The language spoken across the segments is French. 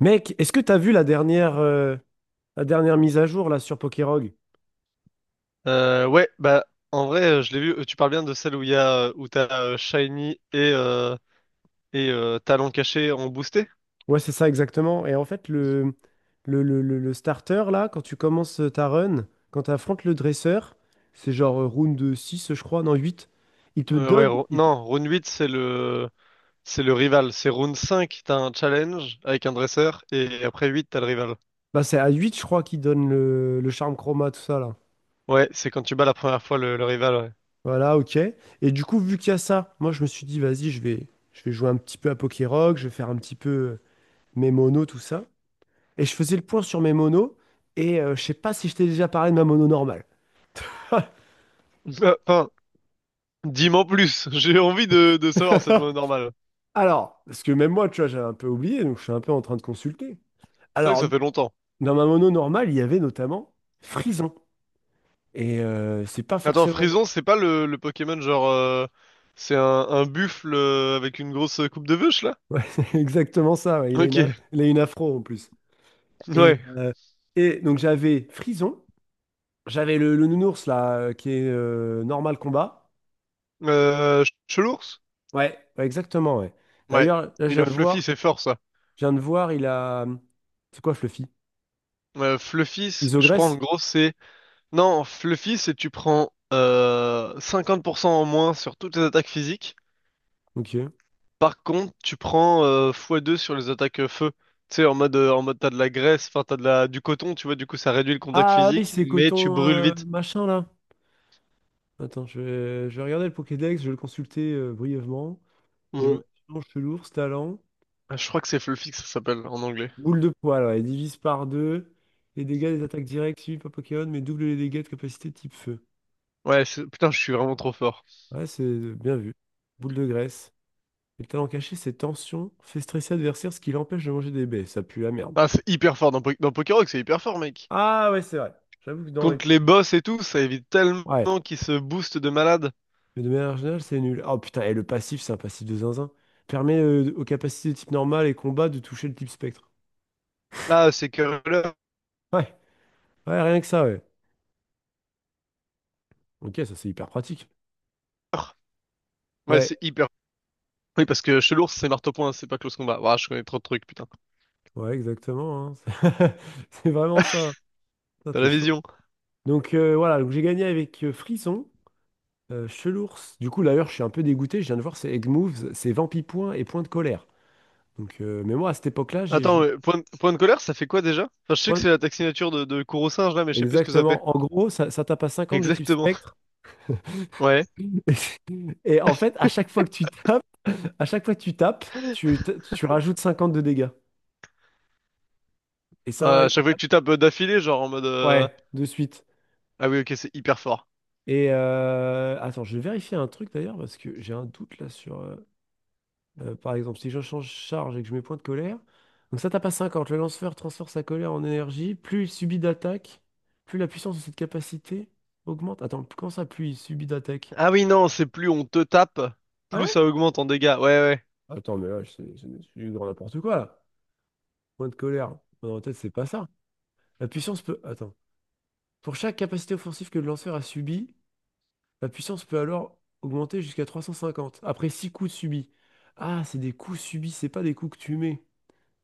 Mec, est-ce que t'as vu la dernière mise à jour là sur Pokérog? Ouais, bah en vrai, je l'ai vu. Tu parles bien de celle où il y a où t'as Shiny et Talon Caché en boosté? Ouais, c'est ça exactement. Et en fait, le starter là, quand tu commences ta run, quand tu affrontes le dresseur, c'est genre round 6, je crois, non 8. Il te Ouais, donne. Il te- non, Rune 8 c'est le rival. C'est Rune 5, t'as un challenge avec un dresseur et après 8 t'as le rival. Bah, c'est à huit, je crois, qu'il donne le charme chroma, tout ça là. Ouais, c'est quand tu bats la première fois le rival. Ouais. Voilà, ok. Et du coup, vu qu'il y a ça, moi je me suis dit, vas-y, je vais jouer un petit peu à Pokérog, je vais faire un petit peu mes monos, tout ça. Et je faisais le point sur mes monos, et je sais pas si je t'ai déjà parlé de ma mono normale. Bah, enfin, dis-m'en plus. J'ai envie de savoir cette mode normale. Alors, parce que même moi, tu vois, j'avais un peu oublié, donc je suis un peu en train de consulter. C'est vrai que Alors, ça fait longtemps. dans ma mono normale, il y avait notamment Frison. Et c'est pas Attends, forcément... Frison, c'est pas le Pokémon genre c'est un buffle, avec une grosse coupe de vache là? Ouais, c'est exactement ça, ouais. Il a Ok, une, il a une afro en plus. ouais. Et, et donc j'avais Frison, j'avais le nounours là, qui est normal combat. Chelours? Ouais, ouais, exactement, ouais. Ouais. D'ailleurs, là, Il a Fluffy, c'est fort ça. je viens de voir, il a... C'est quoi Fluffy? Fluffy, je crois en Isogresse? gros c'est. Non, Fluffy, c'est tu prends 50% en moins sur toutes les attaques physiques. Ok. Par contre, tu prends x2 sur les attaques, feu. Tu sais, en mode t'as de la graisse, enfin t'as de la, du coton, tu vois, du coup ça réduit le contact Ah oui, physique, c'est mais tu coton brûles vite. machin là. Attends, je vais regarder le Pokédex, je vais le consulter brièvement. Évolution, Ouais. chelours, talent. Ah, je crois que c'est Fluffy que ça s'appelle en anglais. Boule de poil, ouais, divise par deux. Les dégâts des attaques directes suivies par Pokémon, mais double les dégâts de capacité type feu. Ouais, putain, je suis vraiment trop fort. Ouais, c'est bien vu. Boule de graisse. Et le talent caché, c'est tension, fait stresser l'adversaire, ce qui l'empêche de manger des baies. Ça pue la merde. Ah, c'est hyper fort dans Pokérock, c'est hyper fort, mec. Ah ouais, c'est vrai. J'avoue que dans les... Contre les boss et tout, ça évite Ouais. tellement qu'ils se boostent de malade. Mais de manière générale, c'est nul. Oh putain, et le passif, c'est un passif de zinzin. Permet aux capacités de type normal et combat de toucher le type spectre. Là, c'est curler. Ouais, ouais, rien que ça, ouais. Ok, ça c'est hyper pratique. Ouais, Ouais, c'est hyper. Oui, parce que chez l'ours, c'est marteau point, c'est pas close combat. Ouah, je connais trop de trucs, putain. ouais, exactement, hein. C'est vraiment ça. Ça, T'as t'es la chaud. vision. Donc voilà, donc j'ai gagné avec Frisson, Chelours. Du coup, d'ailleurs, je suis un peu dégoûté. Je viens de voir, c'est Egg Moves, c'est Vampi Point et Point de Colère. Donc, mais moi, à cette époque-là, Attends, mais point de colère, ça fait quoi déjà? Enfin, je sais que c'est point- l'attaque signature de Kuro-singe là, mais je sais plus ce que ça fait. Exactement. En gros, ça tape à 50 de type Exactement. spectre. Ouais. Et en fait, à chaque fois que tu tapes, tu rajoutes 50 de dégâts. Et ça, À ouais, chaque fois que tu tapes, d'affilée, genre en mode. Ouais, de suite. Ah oui, ok, c'est hyper fort. Et attends, je vais vérifier un truc d'ailleurs parce que j'ai un doute là sur, par exemple, si je change charge et que je mets point de colère. Donc ça tape à 50. Le lanceur transfère sa colère en énergie. Plus il subit d'attaque, plus la puissance de cette capacité augmente. Attends, comment ça, plus il subit d'attaque? Ah oui, non, c'est plus on te tape, Ah plus ouais? ça augmente en dégâts. Ouais, ouais. Attends, mais là, c'est du grand n'importe quoi là. Point de colère. Dans ma tête, c'est pas ça. La puissance peut. Attends. Pour chaque capacité offensive que le lanceur a subie, la puissance peut alors augmenter jusqu'à 350, après 6 coups subis. Ah, c'est des coups subis, c'est pas des coups que tu mets.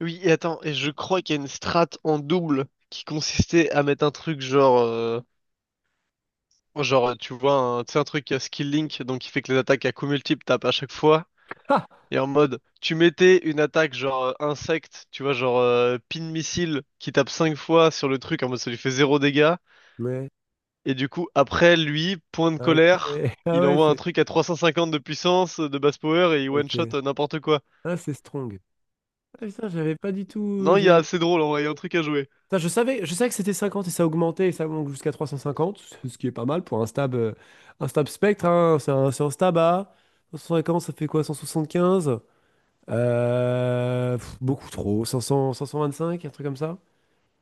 Oui, et attends, et je crois qu'il y a une strat en double qui consistait à mettre un truc genre, tu vois, un, tu sais, un truc à skill link, donc qui fait que les attaques à coups multiples tapent à chaque fois. Ah! Et en mode, tu mettais une attaque genre insecte, tu vois, genre pin missile qui tape 5 fois sur le truc, en mode ça lui fait zéro dégâts. Ouais. Et du coup, après lui, point de Ah, ok. colère, Ah il ouais, envoie un c'est... truc à 350 de puissance, de basse power, et il one Ok. shot, n'importe quoi. Ah, c'est strong. Ah, putain, j'avais pas du tout... Non, il y a assez drôle en vrai, il y a un truc à jouer. Putain, je savais que c'était 50 et ça augmentait et ça monte jusqu'à 350, ce qui est pas mal pour un stab spectre, hein. C'est un stab à 150, ça fait quoi, 175? Pff, beaucoup trop, 500, 525, un truc comme ça?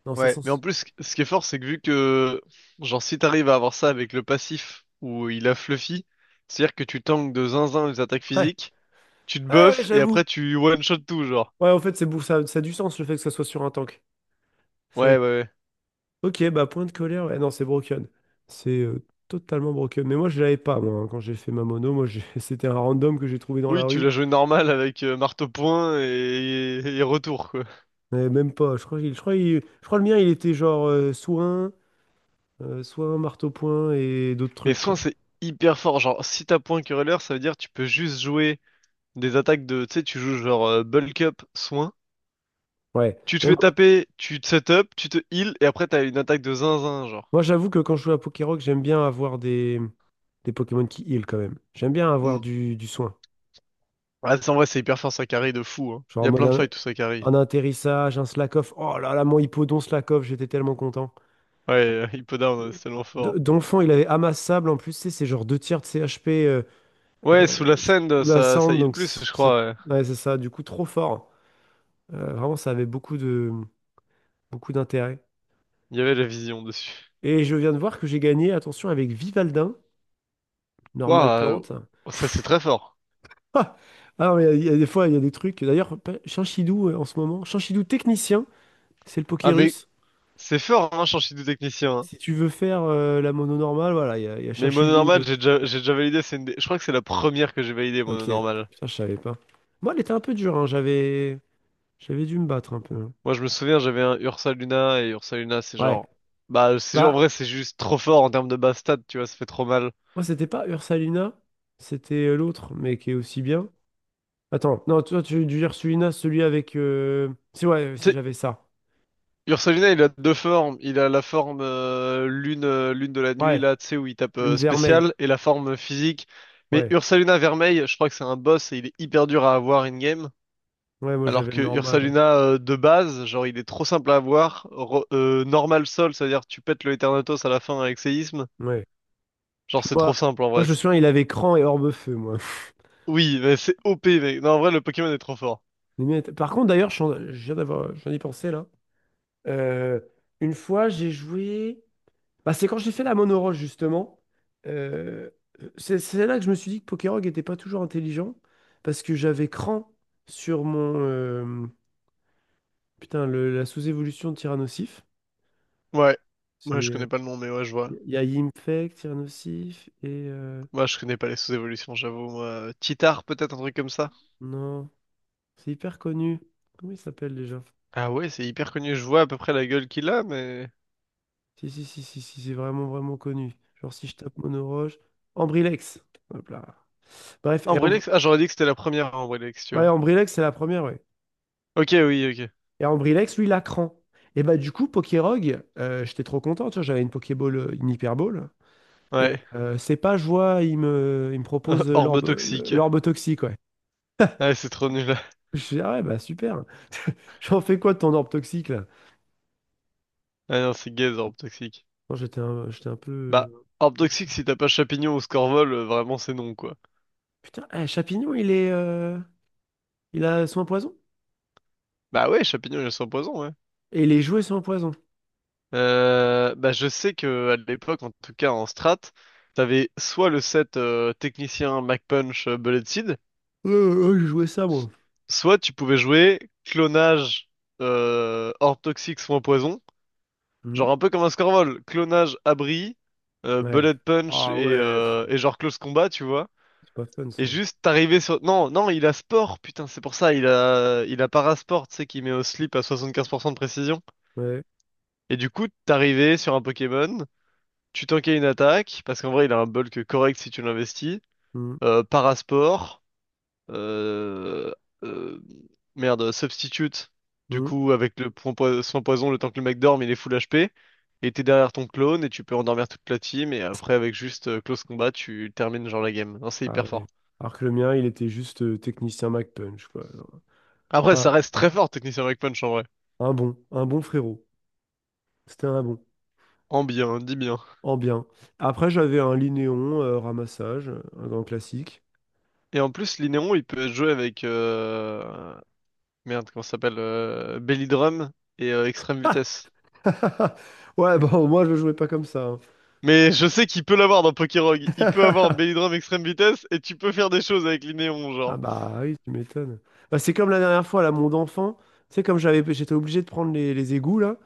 Non, Ouais, 500... mais en plus, ce qui est fort, c'est que vu que, genre, si t'arrives à avoir ça avec le passif où il a Fluffy, c'est-à-dire que tu tankes de zinzin les attaques Ouais, physiques, tu te ouais, ouais, buffes et j'avoue. après tu one shot tout, genre. Ouais, en fait, ça, ça a du sens le fait que ça soit sur un tank. Ça a- Ouais, ouais, ouais. Ok, bah point de colère, ouais, non, c'est broken. C'est totalement broken. Mais moi, je l'avais pas, moi, hein, quand j'ai fait ma mono. C'était un random que j'ai trouvé dans la Oui, tu l'as rue. joué normal avec marteau point et retour, quoi. Mais même pas. Je crois, le mien, il était genre soin, marteau-point et d'autres Mais trucs, soin, quoi. c'est hyper fort. Genre, si t'as point querelleur, ça veut dire que tu peux juste jouer des attaques de. Tu sais, tu joues genre bulk up, soin. Ouais. Tu te Mais fais moi, taper, tu te set up, tu te heal, et après t'as une attaque de zinzin, genre. moi, j'avoue que quand je joue à Pokérock, j'aime bien avoir des Pokémon qui heal quand même. J'aime bien Hmm. avoir du soin. Ouais, en vrai, c'est hyper fort, ça carry de fou. Hein. Genre Il en y a mode plein de fights où ça carry. un atterrissage, un Slakoff. Oh là là, mon Hippodon Slakoff, j'étais tellement content. Ouais, Hippo Down, c'est tellement de- fort. Dans il avait amassable en plus, tu sais, c'est genre deux tiers de CHP Ouais, sous la scène, sous la ça, ça cendre, heal donc plus, c- je c'est crois. Ouais. ouais, c'est ça, du coup trop fort. Vraiment, ça avait beaucoup d'intérêt. Il y avait la vision dessus. Et je viens de voir que j'ai gagné, attention, avec Vivaldin, normal Waouh, plante. Ça c'est très fort. Ah, alors, il y a des fois, il y a des trucs. D'ailleurs, Chinchidou en ce moment, Chinchidou technicien, c'est le Ah, mais Pokérus. c'est fort, hein, changer de technicien. Hein. Si tu veux faire la mono normale, voilà, il y a Mais mono Chinchidou, normal, euh. j'ai déjà validé. Je crois que c'est la première que j'ai validée, mono Ok, normal. ça je savais pas. Moi, elle était un peu dure, hein, j'avais dû me battre un peu. Moi, je me souviens, j'avais un Ursa Luna, et Ursa Luna, c'est Ouais. genre, bah, c'est en Bah, vrai, c'est juste trop fort en termes de base stat, tu vois, ça fait trop mal. moi, c'était pas Ursalina, c'était l'autre, mais qui est aussi bien. Attends, non, toi, tu as dû dire Sulina, celui avec, si, ouais, Tu si sais, j'avais ça. Ursa Luna, il a deux formes. Il a la forme lune de la nuit Ouais, là, tu sais, où il tape, lune vermeille. spécial, et la forme physique. Mais Ouais, Ursa Luna Vermeil, je crois que c'est un boss et il est hyper dur à avoir in-game. ouais, moi, Alors j'avais le que normal. Ursaluna, de base, genre il est trop simple à avoir. Normal Sol, c'est-à-dire tu pètes le Eternatus à la fin avec séisme. Ouais. Ouais. Genre Puis c'est trop moi, simple en moi, vrai. je me souviens, il avait cran et orbe feu, moi. Oui, mais c'est OP mec. Non, en vrai le Pokémon est trop fort. Les miens étaient- Par contre, d'ailleurs, je suis en- je viens d'avoir, j'en ai pensé là. Euh, une fois, j'ai joué. Bah, c'est quand j'ai fait la monoroche, justement. Euh, c'est là que je me suis dit que Pokerog n'était pas toujours intelligent, parce que j'avais cran sur mon... putain, la sous-évolution de Tyrannosif. Ouais. C'est... Moi, je connais pas le nom, mais ouais, je vois. il y a Yimfek, Tyrannosif, et... Moi, je connais pas les sous-évolutions, j'avoue. Moi, Titar, peut-être un truc comme ça. non, c'est hyper connu. Comment il s'appelle déjà? Ah ouais, c'est hyper connu. Je vois à peu près la gueule qu'il a, mais. Si, c'est vraiment connu. Genre, si je tape monoroche... Ambrilex. Hop là. Bref, et Ambreléx. Ah, j'aurais dit que c'était la première Ambreléx, tu ouais, vois. Ambrilex, c'est la première, ouais. Ok, oui, ok. Et Ambrilex, lui, la cran. Et bah du coup, Pokérog, j'étais trop content, tu vois, j'avais une Pokéball, une Hyperball. Et Ouais. C'est pas je vois, il me propose Orbe l'orbe, toxique. l'orbe toxique, ouais. Ah, c'est trop nul. Je dis, ah ouais, bah super. J'en fais quoi de ton orbe toxique, là? Ah non, c'est gaze Orbe toxique. Non, j'étais un Bah, peu... Orb toxique, si t'as pas Champignon ou Scorvol, vraiment c'est non, quoi. Putain, eh, Chapignon, il est... il a soin poison? Bah ouais, Champignon, il est sans poison, ouais. Et les jouets soin poison. Bah, je sais que à l'époque, en tout cas en strat, t'avais soit le set, technicien Mac Punch, Bullet Seed, Euh, j'ai joué ça, moi. soit tu pouvais jouer clonage, Orb Toxic soin poison, Mhm. genre un peu comme un Scorvol, clonage abri, Ouais. Bullet Punch Ah et, ouais, pff, euh, et genre close combat, tu vois. c'est pas fun, Et ça. juste arrivé sur. Non, non, il a sport, putain, c'est pour ça, il a parasport, tu sais, qui met au slip à 75% de précision. Ouais. Et du coup, t'arrivais sur un Pokémon, tu tankais une attaque, parce qu'en vrai, il a un bulk correct si tu l'investis. Mhm. Parasport, euh, euh, merde, substitute, du Mhm. coup, avec le point, soin poison, le temps que le mec dorme, il est full HP. Et t'es derrière ton clone, et tu peux endormir toute la team, et après, avec juste close combat, tu termines genre la game. Non, c'est Ah hyper ouais. fort. Alors que le mien, il était juste technicien MacPunch, quoi. Alors, Après, un, ça reste très un- fort, Technicien Breakpunch, en vrai. Un bon frérot. C'était un bon, En bien, dis bien. en bien. Après, j'avais un Linéon ramassage, un grand classique. Et en plus, Linéon, il peut jouer avec. Merde, comment ça s'appelle, Belly Drum et, Extrême Vitesse. Ouais, bon, moi, je jouais pas comme ça, hein. Mais je sais qu'il peut l'avoir dans Pokérogue. Il peut avoir Belly Drum, Extrême Vitesse, et tu peux faire des choses avec Linéon, Ah genre. bah oui, tu m'étonnes. Bah, c'est comme la dernière fois, là, mon enfant, tu sais, comme j'étais obligé de prendre les égouts, là,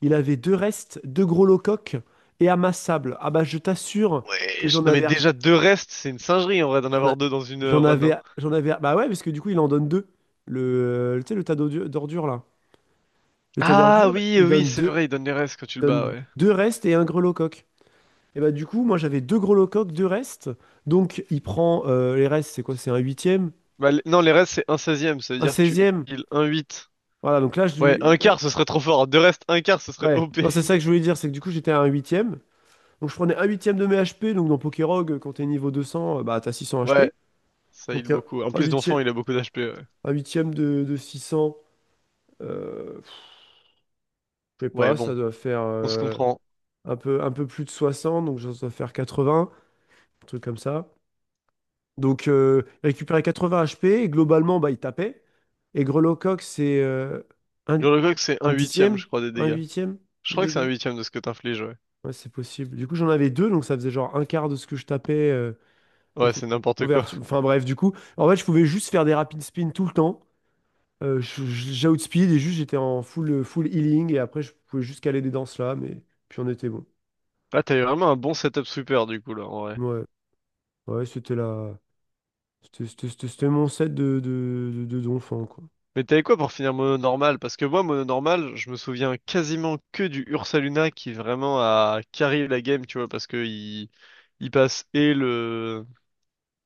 il avait deux restes, deux gros locoques et amassables. Ah bah je t'assure que Ouais, j'en non, mais avais déjà deux restes, c'est une singerie en vrai d'en J'en a- avoir deux dans une, run. Hein. J'en avais, bah ouais, parce que du coup, il en donne deux. Le, tu sais, le d'ordures, là. Le tas Ah d'ordures, oui, oui, c'est vrai, il donne les restes quand tu le bats, donne ouais. deux restes et un grelot coq. Et bah, du coup, moi, j'avais deux grelots coq, deux restes. Donc, il prend les restes, c'est quoi? C'est un huitième? Bah, non, les restes, c'est un seizième, ça veut Un dire que tu seizième? heal un 8. Voilà, donc là, je Ouais, lui. un quart, ce serait trop fort. Deux restes, un quart, ce serait Ouais, OP. non, c'est ça que je voulais dire, c'est que du coup, j'étais à un huitième. Donc, je prenais un huitième de mes HP. Donc, dans pokérog quand t'es niveau 200, bah, t'as 600 Ouais, HP. ça heal Donc, beaucoup. En un plus d'enfant, huitième, il a beaucoup d'HP. un huitième de 600. Je sais Ouais, pas, ça bon, doit faire on se comprend. Un peu plus de 60 donc ça doit faire 80, un truc comme ça. Donc il récupérait 80 HP et globalement, bah, il tapait. Et Grelot-Coq, c'est un, Gurlugok, c'est un un huitième, dixième, je crois, des un dégâts. huitième Je de crois que c'est un dégâts. huitième de ce que t'infliges, ouais. Ouais, c'est possible. Du coup, j'en avais deux, donc ça faisait genre un quart de ce que je tapais Ouais, était c'est n'importe quoi. couverture. Enfin bref, du coup, en fait, je pouvais juste faire des rapid spins tout le temps. J'outspeed et juste j'étais en full, full healing et après, je pouvais juste caler des danses là, mais puis on était bon. Là, t'avais vraiment un bon setup sweeper, du coup, là, en vrai. Ouais. Ouais, c'était la... c'était mon set de, d'enfant, quoi. Mais t'avais quoi pour finir mono normal? Parce que moi, mono normal, je me souviens quasiment que du Ursaluna qui vraiment a carry la game, tu vois, parce que il passe et le,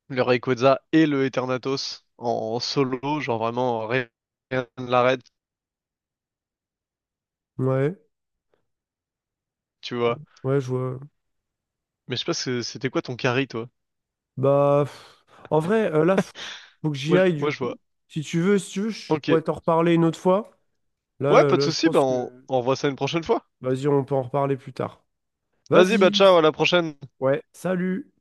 le Rayquaza et le Eternatus en solo, genre vraiment rien ne l'arrête, Ouais, tu vois. ouais, je vois. Mais je sais pas, c'était quoi ton carry, toi? Bah, pff, en vrai, là, faut que j'y aille, du Ouais, je coup. vois. Si tu veux, je Ok. pourrais t'en reparler une autre fois. Là, Ouais, pas de là, je souci, bah pense on, que... on revoit ça une prochaine fois. Vas-y, on peut en reparler plus tard. Vas-y, bah Vas-y. ciao, à la prochaine. Ouais, salut.